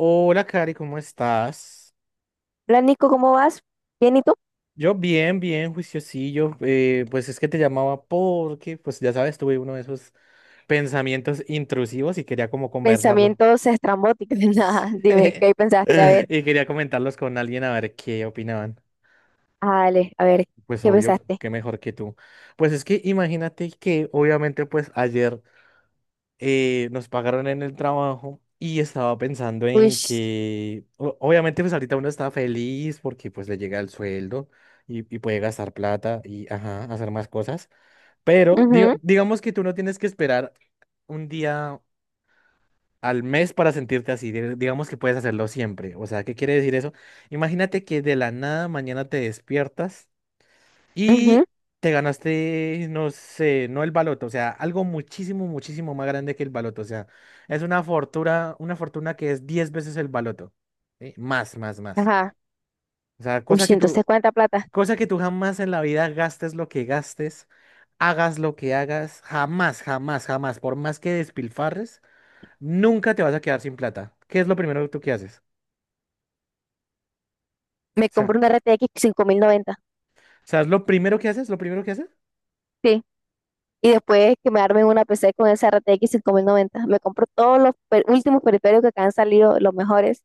Hola, Cari, ¿cómo estás? Hola, Nico, ¿cómo vas? Bien, ¿y tú? Yo bien, bien, juiciosillo. Pues es que te llamaba porque, pues ya sabes, tuve uno de esos pensamientos intrusivos y quería como conversarlo. Pensamientos estrambóticos. Sí. Nada, dime, ¿qué pensaste? A ver, Y quería comentarlos con alguien a ver qué opinaban. Ale, a ver, Pues ¿qué obvio, pensaste? qué mejor que tú. Pues es que imagínate que obviamente pues ayer nos pagaron en el trabajo y estaba pensando Uy, en que, obviamente, pues ahorita uno está feliz porque pues le llega el sueldo y puede gastar plata y, ajá, hacer más cosas, pero mhm, digamos que tú no tienes que esperar un día al mes para sentirte así, digamos que puedes hacerlo siempre, o sea, ¿qué quiere decir eso? Imagínate que de la nada mañana te despiertas. mhm, Y te ganaste, no sé, no el baloto, o sea, algo muchísimo, muchísimo más grande que el baloto. O sea, es una fortuna que es 10 veces el baloto. ¿Sí? Más, más, más. ajá. O sea, Uy, cosa sí, que entonces, tú, ¿cuánta plata? Cosa que tú jamás en la vida gastes lo que gastes, hagas lo que hagas, jamás, jamás, jamás, por más que despilfarres, nunca te vas a quedar sin plata. ¿Qué es lo primero que tú que haces? Me O sea, compro una RTX 90. ¿sabes lo primero que haces? ¿Lo primero que haces? Sí. Y después que me armen una PC con esa RTX 90. Me compro todos los últimos periféricos que han salido, los mejores.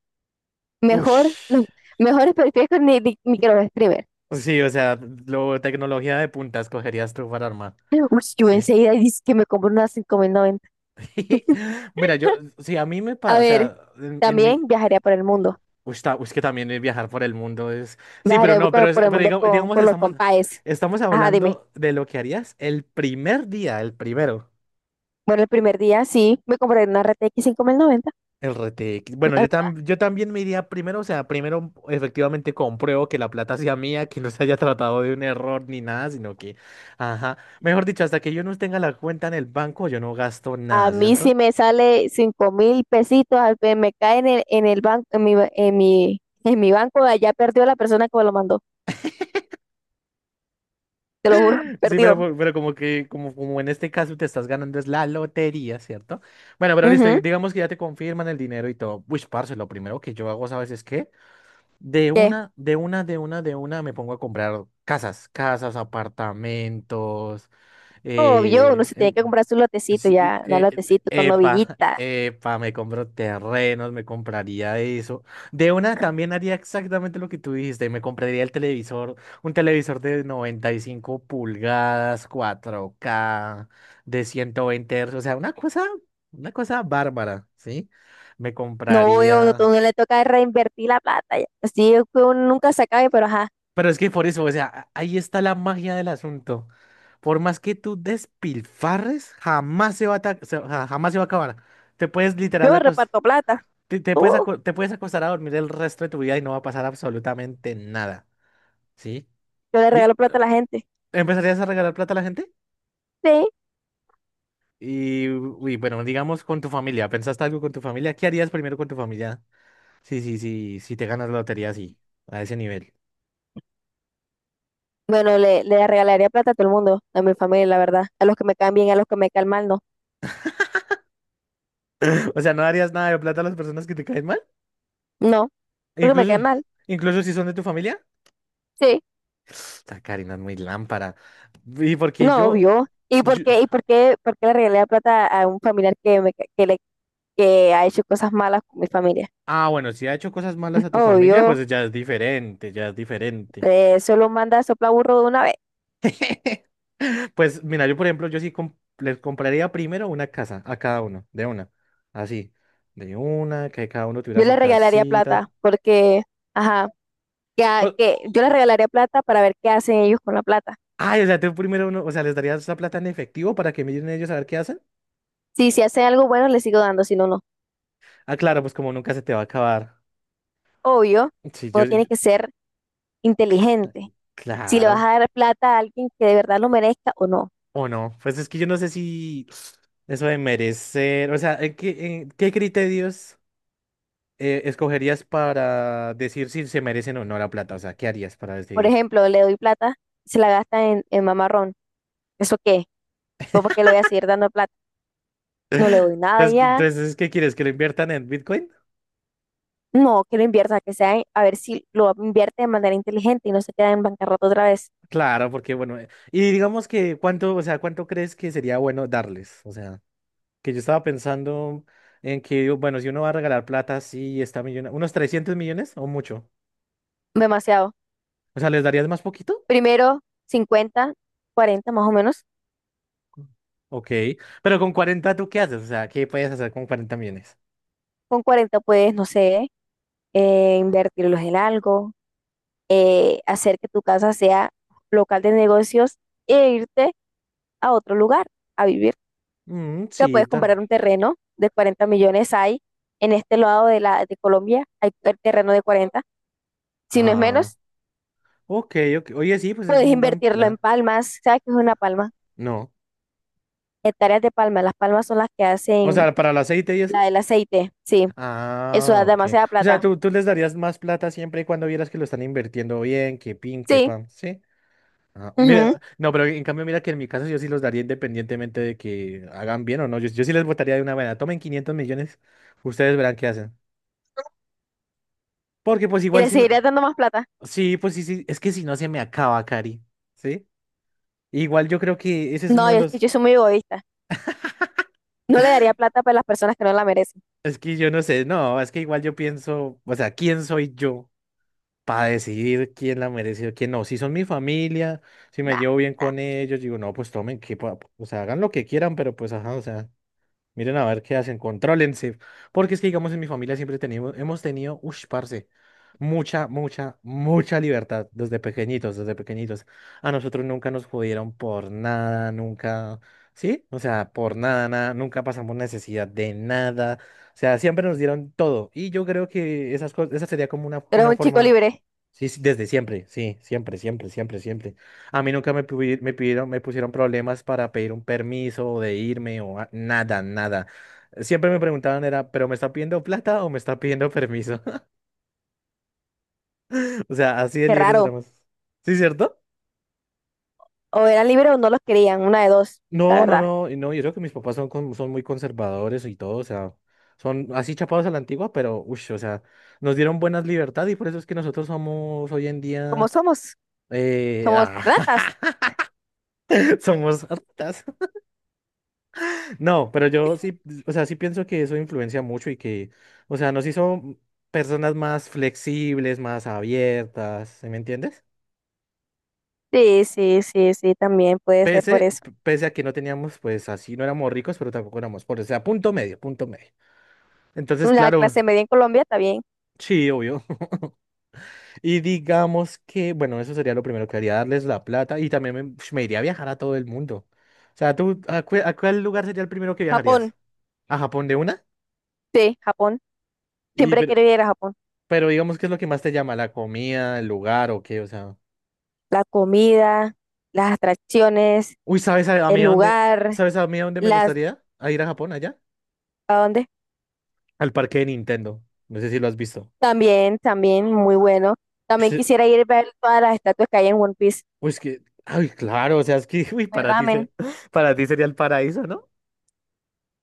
Mejor, los Ush. mejores periféricos ni que los streamers. Pues sí, o sea, lo, tecnología de punta escogerías tú para armar. Uy, yo Sí. enseguida dice que me compro una 5090. Mira, yo, sí, a mí me A pasa, o ver, sea, en mi. también viajaría por el mundo. Uy, uy, es que también el viajar por el mundo es. Sí, pero Viajaré no, pero, por, es, por el pero mundo con, digamos, con los compaes. estamos Ajá, dime. hablando de lo que harías el primer día, el primero. Bueno, el primer día sí, me compré una RTX 90. El RTX. Bueno, yo, yo también me iría primero, o sea, primero efectivamente compruebo que la plata sea mía, que no se haya tratado de un error ni nada, sino que, ajá, mejor dicho, hasta que yo no tenga la cuenta en el banco, yo no gasto A nada, mí sí ¿cierto? me sale 5.000 pesitos, me cae en el banco, en mi, ba- en mi banco, allá perdió la persona que me lo mandó, te lo juro, Sí, pero, perdió. Pero como que, como, como en este caso te estás ganando es la lotería, ¿cierto? Bueno, pero listo, y Ujú. digamos que ya te confirman el dinero y todo. Uy, parce, lo primero que yo hago, ¿sabes es qué? De ¿Qué? una, de una, de una, de una me pongo a comprar casas, casas, apartamentos. Obvio, Eh, uno se tiene em, que comprar su lotecito sí, eh, ya, un eh, lotecito con epa, novillita. epa, me compro terrenos, me compraría eso. De una también haría exactamente lo que tú dijiste, me compraría el televisor, un televisor de 95 pulgadas, 4K de 120 Hz, o sea, una cosa bárbara, ¿sí? Me No, obvio, no, compraría. uno le toca reinvertir la plata ya, así es que uno nunca se acabe, pero ajá, Pero es que por eso, o sea, ahí está la magia del asunto. Por más que tú despilfarres, jamás se va a, jamás se va a acabar. Te puedes literal yo acos- reparto plata. Te puedes Tú, te puedes acostar a dormir el resto de tu vida y no va a pasar absolutamente nada, ¿sí? yo le Di- regalo plata a la gente. ¿Empezarías a regalar plata a la gente? Sí, Y, uy, bueno, digamos con tu familia. ¿Pensaste algo con tu familia? ¿Qué harías primero con tu familia? Sí, sí, sí, si te ganas la lotería así, a ese nivel. bueno, le regalaría plata a todo el mundo, a mi familia, la verdad. A los que me caen bien, a los que me caen mal, no. O sea, ¿no darías nada de plata a las personas que te caen mal? No, porque me caen Incluso, mal. incluso si son de tu familia. Sí, Esta Karina es muy lámpara. Y porque no, yo, obvio. ¿Y por yo- qué, y por qué, por qué le regalaría plata a un familiar que, me, ca- que, le, que ha hecho cosas malas con mi familia? Ah, bueno, si ha hecho cosas malas a tu familia, Obvio, pues ya es diferente, ya es diferente. Solo manda a soplar burro de una vez. Pues mira, yo por ejemplo, yo sí les compraría primero una casa a cada uno, de una. Así, de una, que cada uno tuviera Yo su le regalaría casita. plata porque, ajá, O- que yo le regalaría plata para ver qué hacen ellos con la plata. ay, o sea, tú primero uno, o sea, les darías la plata en efectivo para que miren ellos a ver qué hacen. Sí, si hacen algo bueno, le sigo dando, si no, no. Ah, claro, pues como nunca se te va a acabar. Obvio, Sí, yo, uno tiene yo- que ser inteligente, si le vas claro. a dar plata a alguien que de verdad lo merezca o no. O no, pues es que yo no sé si eso de merecer, o sea, ¿qué criterios escogerías para decir si se merecen o no la plata? O sea, ¿qué harías para Por decidir? ejemplo, le doy plata, se la gasta en mamarrón. ¿Eso qué? ¿Yo por qué le voy a seguir dando plata? No le doy nada Entonces, ya. entonces, ¿qué quieres? ¿Que lo inviertan en Bitcoin? No, que lo invierta, que sea, a ver si lo invierte de manera inteligente y no se queda en bancarrota otra vez. Claro, porque bueno, y digamos que cuánto, o sea, ¿cuánto crees que sería bueno darles? O sea, que yo estaba pensando en que, bueno, si uno va a regalar plata, sí, está millona, unos 300 millones o mucho. Demasiado. O sea, ¿les darías más poquito? Primero, 50, 40 más o menos. Ok, pero con 40 ¿tú qué haces? O sea, ¿qué puedes hacer con 40 millones? Con 40 puedes, no sé, invertirlos en algo, hacer que tu casa sea local de negocios e irte a otro lugar a vivir. Mm, Que sí, puedes tan. comprar un terreno de 40 millones, hay en este lado de la de Colombia, hay el terreno de 40, si no es menos, Ok, ok. Oye, sí, pues es puedes un buen invertirlo en plan. palmas. ¿Sabes qué es una palma? No. Hectáreas de palma, las palmas son las que O hacen sea, para el aceite y la eso. del aceite, sí, eso Ah, da ok. demasiada O sea, plata, tú les darías más plata siempre y cuando vieras que lo están invirtiendo bien, que pin, que sí, pan, ¿sí? Ah, mira, ujú. no, pero en cambio, mira que en mi caso yo sí los daría independientemente de que hagan bien o no. Yo sí les votaría de una manera. Tomen 500 millones, ustedes verán qué hacen. Porque pues Y igual le si no... seguiría dando más plata. Sí, pues sí, sí. Es que si no se me acaba, Cari. ¿Sí? Igual yo creo que ese es uno No, de yo, es que los... yo soy muy egoísta, no le daría plata para las personas que no la merecen. Es que yo no sé, no, es que igual yo pienso, o sea, ¿quién soy yo para decidir quién la merece o quién no? Si son mi familia, si me Nah, llevo bien nah, con ellos, digo, no, pues tomen, que, o sea, hagan lo que quieran, pero pues, ajá, o sea. Miren a ver qué hacen, contrólense. Porque es que, digamos, en mi familia siempre tenemos, hemos tenido, ush, parce, mucha, mucha, mucha libertad desde pequeñitos, desde pequeñitos. A nosotros nunca nos jodieron por nada, nunca, ¿sí? O sea, por nada, nada, nunca pasamos necesidad de nada. O sea, siempre nos dieron todo. Y yo creo que esas cosas, esa sería como tú eres una un chico forma. libre, Sí, sí, desde siempre, sí, siempre, siempre, siempre, siempre. A mí nunca me pidieron, me pusieron problemas para pedir un permiso o de irme nada, nada. Siempre me preguntaban era, ¿pero me está pidiendo plata o me está pidiendo permiso? O sea, así de qué libres raro, éramos. ¿Sí, cierto? o eran libres o no los querían, una de dos, la No, no, verdad, no, y no, yo creo que mis papás son, son muy conservadores y todo, o sea, son así chapados a la antigua, pero, uff, o sea, nos dieron buenas libertades y por eso es que nosotros somos hoy en como día, somos, eh, somos ah, ratas. somos hartas. No, pero yo sí, o sea, sí pienso que eso influencia mucho y que, o sea, nos hizo personas más flexibles, más abiertas, ¿sí me entiendes? Sí, sí, sí, sí, también puede ser por Pese, eso. pese a que no teníamos, pues así, no éramos ricos, pero tampoco éramos pobres, o sea, punto medio, punto medio. Entonces, La claro, clase media en Colombia está bien. sí, obvio. Y digamos que, bueno, eso sería lo primero que haría, darles la plata y también me, ush, me iría a viajar a todo el mundo. O sea, ¿tú a, a cuál lugar sería el primero que Japón, viajarías? ¿A Japón de una? sí, Japón. Y Siempre pero, quiero ir a Japón. Pero digamos, ¿qué es lo que más te llama? ¿La comida, el lugar o qué? O sea. La comida, las atracciones, Uy, ¿sabes a el mí a dónde? lugar, ¿Sabes a mí a dónde me las. gustaría? ¿A ir a Japón allá? ¿A dónde? Al parque de Nintendo. No sé si lo has visto. También, también, muy bueno. También quisiera ir a ver todas las estatuas que hay en One Piece. Uy, es que. Ay, claro, o sea, es que uy, Comer para ti ramen. Para ti sería el paraíso, ¿no?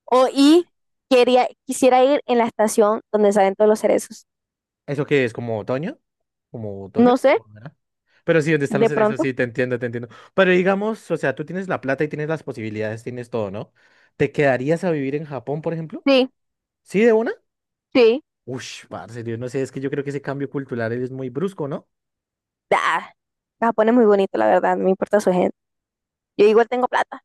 O y quisiera ir en la estación donde salen todos los cerezos. ¿Eso qué es? ¿Como otoño? Como otoño, No sé, primavera. Pero sí, ¿dónde están de los cerezos? pronto. Sí, te entiendo, te entiendo. Pero digamos, o sea, tú tienes la plata y tienes las posibilidades, tienes todo, ¿no? ¿Te quedarías a vivir en Japón, por ejemplo? Sí, ¿Sí, de una? sí. Ush, parce, Dios, no sé, es que yo creo que ese cambio cultural es muy brusco, ¿no? Ah, Japón es muy bonito, la verdad, no me importa su gente. Yo igual tengo plata.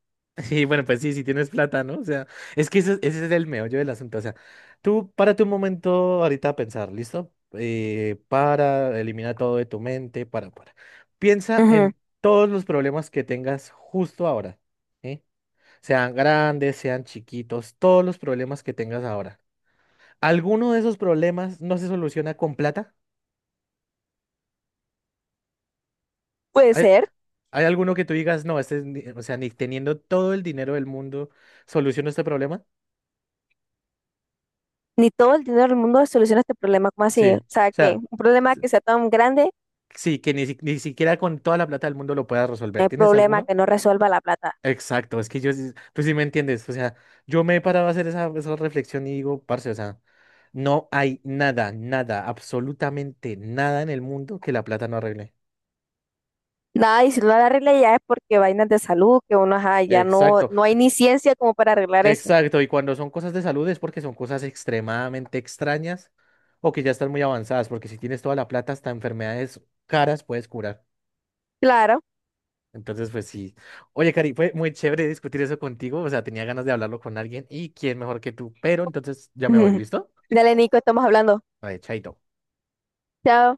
Sí, bueno, pues sí, si tienes plata, ¿no? O sea, es que ese es el meollo del asunto. O sea, tú párate un momento ahorita a pensar, ¿listo? Para, elimina todo de tu mente, para, para. Piensa Ujú. en todos los problemas que tengas justo ahora, ¿sí? Sean grandes, sean chiquitos, todos los problemas que tengas ahora. ¿Alguno de esos problemas no se soluciona con plata? Puede ser, ¿Hay alguno que tú digas, no, este, es ni- o sea, ni teniendo todo el dinero del mundo, soluciono este problema? ni todo el dinero del mundo soluciona este problema, ¿como así? O Sí. O sea, que sea, un problema s- que sea tan grande, sí, que ni, ni siquiera con toda la plata del mundo lo puedas no resolver. hay ¿Tienes problema alguno? que no resuelva la plata. Exacto, es que yo, tú sí me entiendes. O sea, yo me he parado a hacer esa, esa reflexión y digo, parce, o sea, no hay nada, nada, absolutamente nada en el mundo que la plata no arregle. Nada, y si no la arregla ya es porque vainas de salud, que uno, ajá, ya no, Exacto. no hay ni ciencia como para arreglar eso. Exacto, y cuando son cosas de salud es porque son cosas extremadamente extrañas o que ya están muy avanzadas, porque si tienes toda la plata, hasta enfermedades caras puedes curar. Claro. Entonces, pues sí. Oye, Cari, fue muy chévere discutir eso contigo, o sea, tenía ganas de hablarlo con alguien y quién mejor que tú, pero entonces ya me voy, ¿listo? Dale, Nico, estamos hablando. Vale, chaito. Chao.